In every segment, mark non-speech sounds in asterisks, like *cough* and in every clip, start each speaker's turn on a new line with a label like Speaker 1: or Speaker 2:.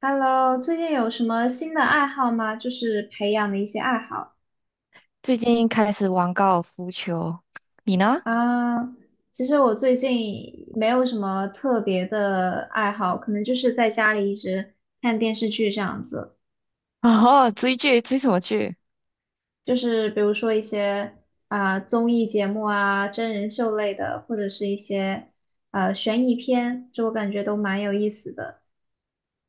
Speaker 1: Hello，最近有什么新的爱好吗？就是培养的一些爱好
Speaker 2: 最近开始玩高尔夫球，你呢？
Speaker 1: 啊。其实我最近没有什么特别的爱好，可能就是在家里一直看电视剧这样子。
Speaker 2: *laughs* 哦，追剧，追什么剧？
Speaker 1: 就是比如说一些啊、综艺节目啊、真人秀类的，或者是一些悬疑片，就我感觉都蛮有意思的。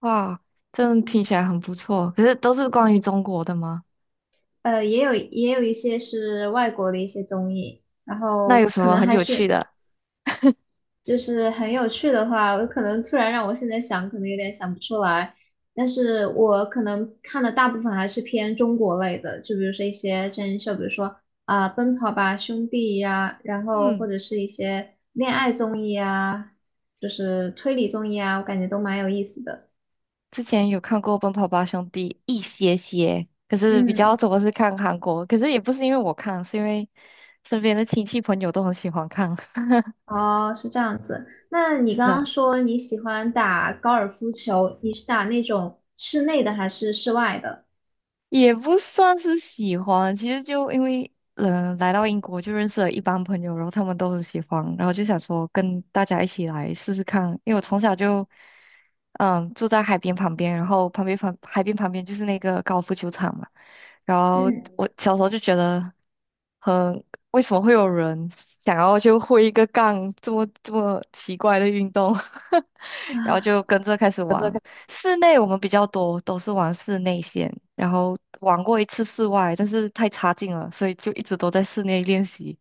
Speaker 2: 哇，真的听起来很不错。可是都是关于中国的吗？
Speaker 1: 也有一些是外国的一些综艺。然
Speaker 2: 那有
Speaker 1: 后
Speaker 2: 什
Speaker 1: 可
Speaker 2: 么
Speaker 1: 能
Speaker 2: 很
Speaker 1: 还
Speaker 2: 有趣
Speaker 1: 是
Speaker 2: 的？
Speaker 1: 就是很有趣的话，我可能突然让我现在想，可能有点想不出来。但是我可能看的大部分还是偏中国类的，就比如说一些真人秀，比如说啊、奔跑吧兄弟》呀，然后或
Speaker 2: 嗯，
Speaker 1: 者是一些恋爱综艺啊，就是推理综艺啊，我感觉都蛮有意思的。
Speaker 2: 之前有看过《奔跑吧兄弟》一些些，可是比较
Speaker 1: 嗯，
Speaker 2: 多是看韩国。可是也不是因为我看，是因为身边的亲戚朋友都很喜欢看。*laughs*
Speaker 1: 哦，是这样子。那你
Speaker 2: 是
Speaker 1: 刚刚
Speaker 2: 的。
Speaker 1: 说你喜欢打高尔夫球，你是打那种室内的还是室外的？
Speaker 2: 也不算是喜欢，其实就因为来到英国就认识了一帮朋友，然后他们都很喜欢，然后就想说跟大家一起来试试看，因为我从小就嗯住在海边旁边，然后旁边旁海边旁边就是那个高尔夫球场嘛，然后
Speaker 1: 嗯。
Speaker 2: 我小时候就觉得很为什么会有人想要就挥一个杠这么奇怪的运动，*laughs* 然后
Speaker 1: 啊。
Speaker 2: 就跟着开始玩。室内我们比较多都是玩室内线，然后玩过一次室外，但是太差劲了，所以就一直都在室内练习。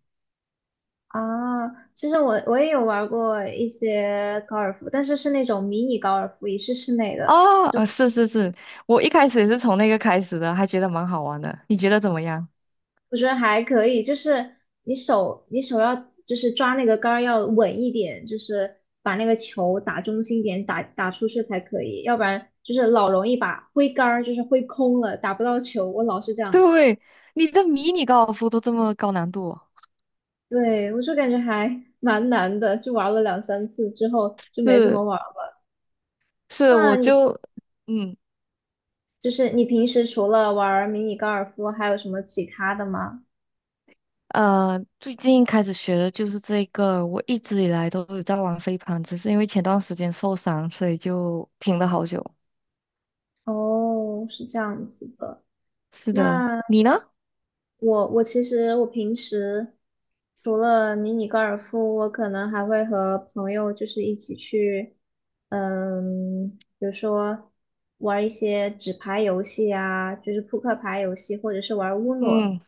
Speaker 1: 啊，其实我也有玩过一些高尔夫，但是是那种迷你高尔夫，也是室内的，
Speaker 2: 啊，是是是，我一开始也是从那个开始的，还觉得蛮好玩的。你觉得怎么样？
Speaker 1: 我觉得还可以。就是你手要就是抓那个杆儿要稳一点，就是把那个球打中心点，打出去才可以，要不然就是老容易把挥杆儿就是挥空了，打不到球。我老是这样子，
Speaker 2: 对，你的迷你高尔夫都这么高难度哦。
Speaker 1: 对，我就感觉还 *laughs* 蛮难的，就玩了两三次之后就没怎么
Speaker 2: 是
Speaker 1: 玩了。
Speaker 2: 是，
Speaker 1: 那
Speaker 2: 我
Speaker 1: 你？
Speaker 2: 就嗯
Speaker 1: 就是你平时除了玩儿迷你高尔夫，还有什么其他的吗？
Speaker 2: 最近开始学的就是这个。我一直以来都有在玩飞盘，只是因为前段时间受伤，所以就停了好久。
Speaker 1: 哦，是这样子的。
Speaker 2: 是的，
Speaker 1: 那
Speaker 2: 你呢？
Speaker 1: 我其实我平时除了迷你高尔夫，我可能还会和朋友就是一起去，嗯，比如说玩一些纸牌游戏啊，就是扑克牌游戏，或者是玩乌诺。
Speaker 2: 嗯。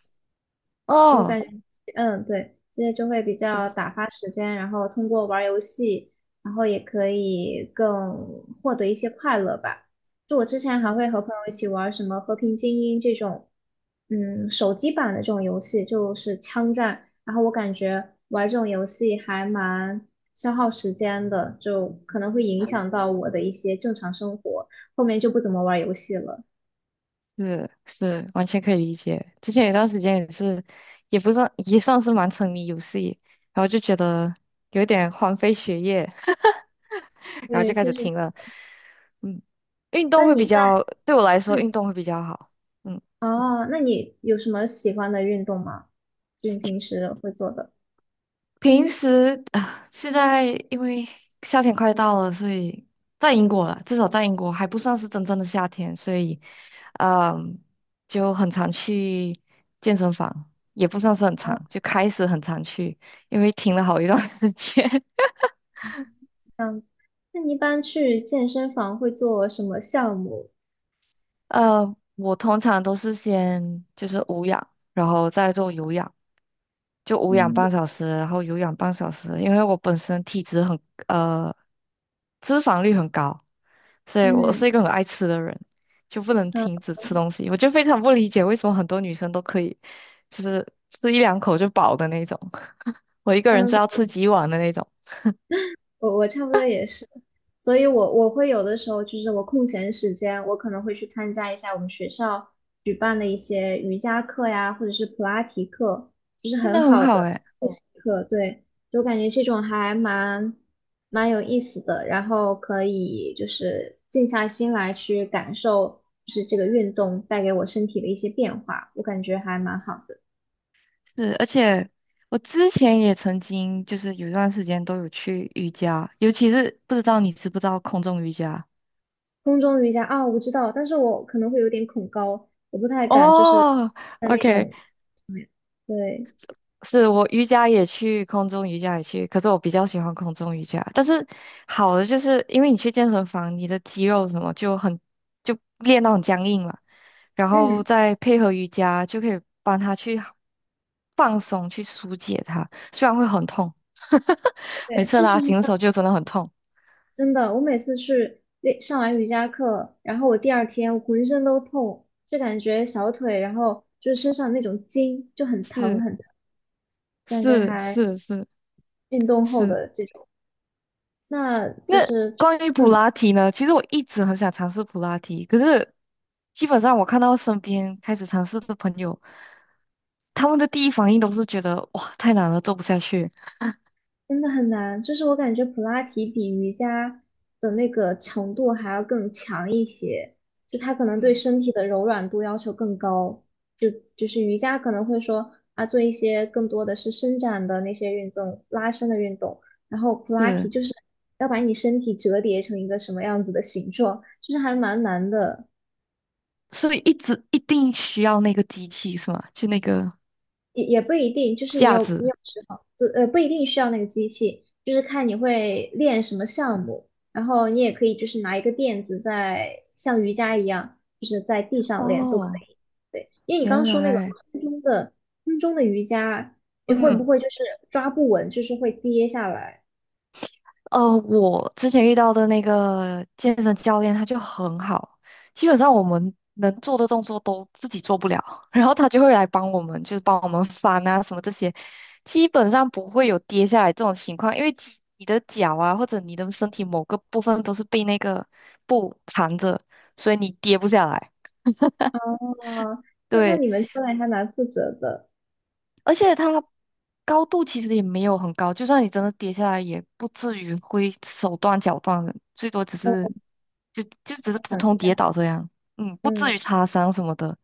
Speaker 1: 我
Speaker 2: 哦，
Speaker 1: 感觉，嗯，对，这些就会比较打发时间，然后通过玩儿游戏，然后也可以更获得一些快乐吧。就我之前还
Speaker 2: 嗯，
Speaker 1: 会和朋友一起玩儿什么《和平精英》这种，嗯，手机版的这种游戏，就是枪战。然后我感觉玩这种游戏还蛮消耗时间的，就可能会影响到我的一些正常生活，后面就不怎么玩儿游戏了。
Speaker 2: 是是，完全可以理解。之前有段时间也是，也不算也算是蛮沉迷游戏，然后就觉得有点荒废学业，*laughs* 然后
Speaker 1: 对，
Speaker 2: 就开
Speaker 1: 确
Speaker 2: 始
Speaker 1: 实。
Speaker 2: 停了。嗯，运动
Speaker 1: 那
Speaker 2: 会比
Speaker 1: 你在，
Speaker 2: 较，对我来说
Speaker 1: 嗯。
Speaker 2: 运动会比较好。嗯。
Speaker 1: 哦，那你有什么喜欢的运动吗？就你平时会做的？
Speaker 2: 平时啊，现在因为夏天快到了，所以在英国了，至少在英国还不算是真正的夏天，所以，嗯，就很常去健身房，也不算是很
Speaker 1: 啊，
Speaker 2: 常，就开始很常去，因为停了好一段 *laughs* 时间。
Speaker 1: 这样。那你一般去健身房会做什么项目？
Speaker 2: *laughs* 我通常都是先就是无氧，然后再做有氧，就无氧
Speaker 1: 嗯
Speaker 2: 半小时，然后有氧半小时，因为我本身体脂很呃脂肪率很高，所以我
Speaker 1: 嗯，
Speaker 2: 是一个很爱吃的人，就不能停
Speaker 1: 好
Speaker 2: 止吃东西。我就非常不理解为什么很多女生都可以，就是吃一两口就饱的那种，*laughs* 我一个
Speaker 1: 下
Speaker 2: 人
Speaker 1: 面
Speaker 2: 是要吃几碗的那种，
Speaker 1: 我差不多也是，所以我会有的时候就是我空闲时间，我可能会去参加一下我们学校举办的一些瑜伽课呀，或者是普拉提课，就是
Speaker 2: 真
Speaker 1: 很
Speaker 2: 的很
Speaker 1: 好的
Speaker 2: 好诶，
Speaker 1: 复习课。对，就感觉这种还蛮有意思的，然后可以就是静下心来去感受，就是这个运动带给我身体的一些变化，我感觉还蛮好的。
Speaker 2: 是，而且我之前也曾经就是有一段时间都有去瑜伽，尤其是不知道你知不知道空中瑜伽。
Speaker 1: 空中瑜伽啊，我知道，但是我可能会有点恐高，我不太敢就是
Speaker 2: 哦
Speaker 1: 在那
Speaker 2: ，OK，
Speaker 1: 种对，
Speaker 2: 是我瑜伽也去，空中瑜伽也去，可是我比较喜欢空中瑜伽。但是好的就是因为你去健身房，你的肌肉什么就很就练到很僵硬了，然后
Speaker 1: 嗯，
Speaker 2: 再配合瑜伽，就可以帮他去放松，去疏解它。虽然会很痛，*laughs* 每
Speaker 1: 对，
Speaker 2: 次
Speaker 1: 确
Speaker 2: 拉
Speaker 1: 实是
Speaker 2: 紧的
Speaker 1: 这
Speaker 2: 时
Speaker 1: 样
Speaker 2: 候就真的很痛。
Speaker 1: 真的。我每次去练上完瑜伽课，然后我第二天我浑身都痛，就感觉小腿，然后就是身上那种筋就很疼
Speaker 2: 是
Speaker 1: 很疼，感觉
Speaker 2: 是
Speaker 1: 还
Speaker 2: 是是
Speaker 1: 运动后
Speaker 2: 是，
Speaker 1: 的这种，那就
Speaker 2: 那
Speaker 1: 是就
Speaker 2: 关于普
Speaker 1: 嗯。
Speaker 2: 拉提呢？其实我一直很想尝试普拉提，可是基本上我看到身边开始尝试的朋友，他们的第一反应都是觉得哇太难了，做不下去。
Speaker 1: 真的很难，就是我感觉普拉提比瑜伽的那个强度还要更强一些，就它可能对
Speaker 2: 嗯，
Speaker 1: 身体的柔软度要求更高。就是瑜伽可能会说啊，做一些更多的是伸展的那些运动、拉伸的运动，然后普拉提
Speaker 2: 是，
Speaker 1: 就是要把你身体折叠成一个什么样子的形状，就是还蛮难的。
Speaker 2: 所以一直一定需要那个机器是吗？就那个
Speaker 1: 也不一定，就是
Speaker 2: 架
Speaker 1: 你
Speaker 2: 子。
Speaker 1: 有时候，就不一定需要那个机器，就是看你会练什么项目，然后你也可以就是拿一个垫子在像瑜伽一样，就是在地上练都可
Speaker 2: 哦，
Speaker 1: 以。对，因为你刚刚
Speaker 2: 原
Speaker 1: 说那个
Speaker 2: 来，
Speaker 1: 空中的瑜伽，你会不
Speaker 2: 嗯，
Speaker 1: 会就是抓不稳，就是会跌下来？
Speaker 2: 我之前遇到的那个健身教练，他就很好，基本上我们能做的动作都自己做不了，*laughs* 然后他就会来帮我们，就是帮我们翻啊什么这些，基本上不会有跌下来这种情况，因为肌你的脚啊或者你的身体某个部分都是被那个布缠着，所以你跌不下来。
Speaker 1: 哦，那
Speaker 2: 对，
Speaker 1: 你们教练还蛮负责的，
Speaker 2: 而且它高度其实也没有很高，就算你真的跌下来，也不至于会手断脚断的，最多只
Speaker 1: 我
Speaker 2: 是就就只是普
Speaker 1: 想一
Speaker 2: 通
Speaker 1: 下，
Speaker 2: 跌倒这样，嗯，不至
Speaker 1: 嗯，
Speaker 2: 于擦伤什么的。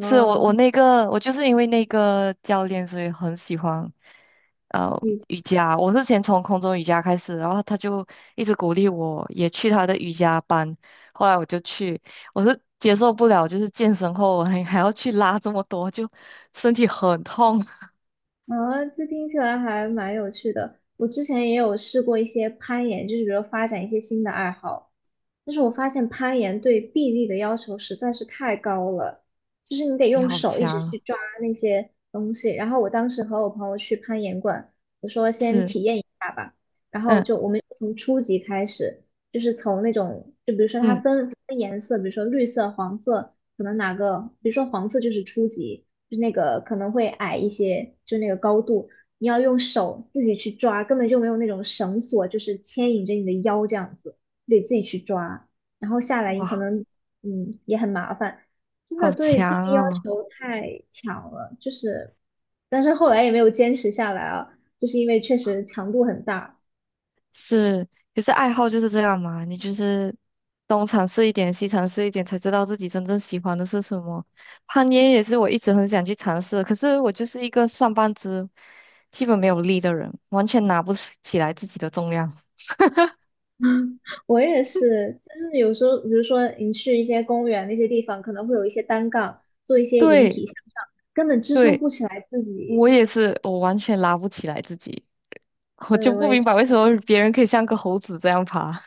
Speaker 2: 是我我那个我就是因为那个教练，所以很喜欢呃瑜伽。我是先从空中瑜伽开始，然后他就一直鼓励我，也去他的瑜伽班。后来我就去，我是接受不了，就是健身后我还要去拉这么多，就身体很痛。
Speaker 1: 啊，这听起来还蛮有趣的。我之前也有试过一些攀岩，就是比如发展一些新的爱好，但是我发现攀岩对臂力的要求实在是太高了，就是你得
Speaker 2: 你
Speaker 1: 用
Speaker 2: 好
Speaker 1: 手一直
Speaker 2: 强，
Speaker 1: 去抓那些东西。然后我当时和我朋友去攀岩馆，我说先
Speaker 2: 是，
Speaker 1: 体验一下吧，然后
Speaker 2: 嗯
Speaker 1: 就我们从初级开始，就是从那种，就比如说它
Speaker 2: 嗯，
Speaker 1: 分颜色，比如说绿色、黄色。可能哪个，比如说黄色就是初级，就是那个可能会矮一些，就那个高度，你要用手自己去抓，根本就没有那种绳索，就是牵引着你的腰这样子，你得自己去抓，然后下来你可
Speaker 2: 哇，
Speaker 1: 能也很麻烦，真的
Speaker 2: 好
Speaker 1: 对
Speaker 2: 强
Speaker 1: 臂力要
Speaker 2: 哦，
Speaker 1: 求太强了，就是，但是后来也没有坚持下来啊，就是因为确实强度很大。
Speaker 2: 是，可是爱好就是这样嘛，你就是东尝试一点，西尝试一点，才知道自己真正喜欢的是什么。攀岩也是我一直很想去尝试的可是我就是一个上半肢基本没有力的人，完全拿不起来自己的重量。
Speaker 1: *laughs* 我也是，就是有时候，比如说你去一些公园那些地方，可能会有一些单杠，做一些引
Speaker 2: 对
Speaker 1: 体向上，根本支撑
Speaker 2: 对，
Speaker 1: 不起来自己。
Speaker 2: 我也是，我完全拉不起来自己，我就
Speaker 1: 对，我
Speaker 2: 不
Speaker 1: 也
Speaker 2: 明
Speaker 1: 是。
Speaker 2: 白为什么别人可以像个猴子这样爬。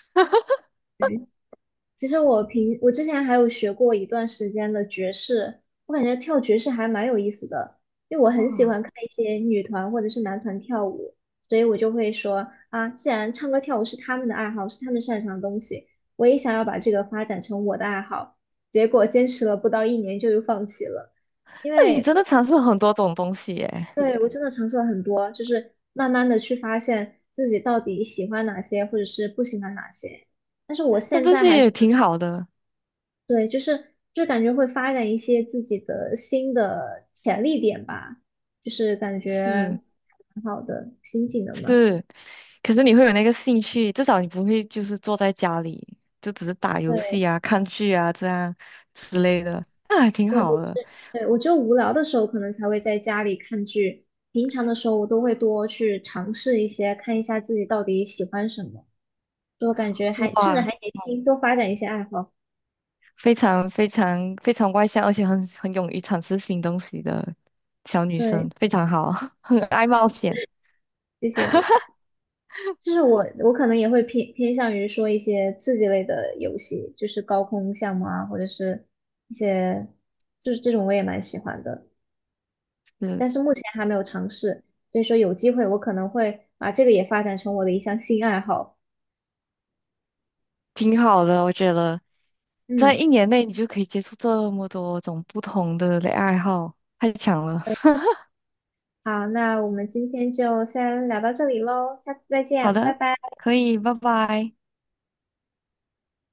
Speaker 1: 其实我之前还有学过一段时间的爵士，我感觉跳爵士还蛮有意思的，因为我很喜
Speaker 2: 哇，
Speaker 1: 欢看一些女团或者是男团跳舞，所以我就会说啊，既然唱歌跳舞是他们的爱好，是他们擅长的东西，我也想要把这个发展成我的爱好。结果坚持了不到一年就又放弃了，因
Speaker 2: 那你
Speaker 1: 为
Speaker 2: 真的尝试很多种东西耶。
Speaker 1: 对我真的尝试了很多，就是慢慢的去发现自己到底喜欢哪些，或者是不喜欢哪些。但是我
Speaker 2: 但
Speaker 1: 现
Speaker 2: 这
Speaker 1: 在
Speaker 2: 些
Speaker 1: 还是
Speaker 2: 也挺好的，
Speaker 1: 对，就是就感觉会发展一些自己的新的潜力点吧，就是感觉
Speaker 2: 是
Speaker 1: 挺好的新技能嘛。
Speaker 2: 是。可是你会有那个兴趣，至少你不会就是坐在家里，就只是打游戏
Speaker 1: 对
Speaker 2: 啊、看剧啊这样之类的，那还挺
Speaker 1: 嗯对，
Speaker 2: 好的。
Speaker 1: 对我只有无聊的时候可能才会在家里看剧，平常的时候我都会多去尝试一些，看一下自己到底喜欢什么，就感觉还甚至
Speaker 2: 哇，
Speaker 1: 还年轻，多发展一些爱好。
Speaker 2: 非常外向，而且很勇于尝试新东西的小女
Speaker 1: 对，
Speaker 2: 生，非常好，*laughs* 很爱冒险，
Speaker 1: 谢谢你。就是我可能也会偏向于说一些刺激类的游戏，就是高空项目啊，或者是一些就是这种我也蛮喜欢的，
Speaker 2: 嗯，
Speaker 1: 但是目前还没有尝试，所以说有机会我可能会把这个也发展成我的一项新爱好。
Speaker 2: 挺好的，我觉得。在
Speaker 1: 嗯，
Speaker 2: 一年内，你就可以接触这么多种不同的爱好，太强了。*laughs*
Speaker 1: 好，那我们今天就先聊到这里喽，下次再
Speaker 2: 好
Speaker 1: 见，拜
Speaker 2: 的，
Speaker 1: 拜。
Speaker 2: 可以，拜拜。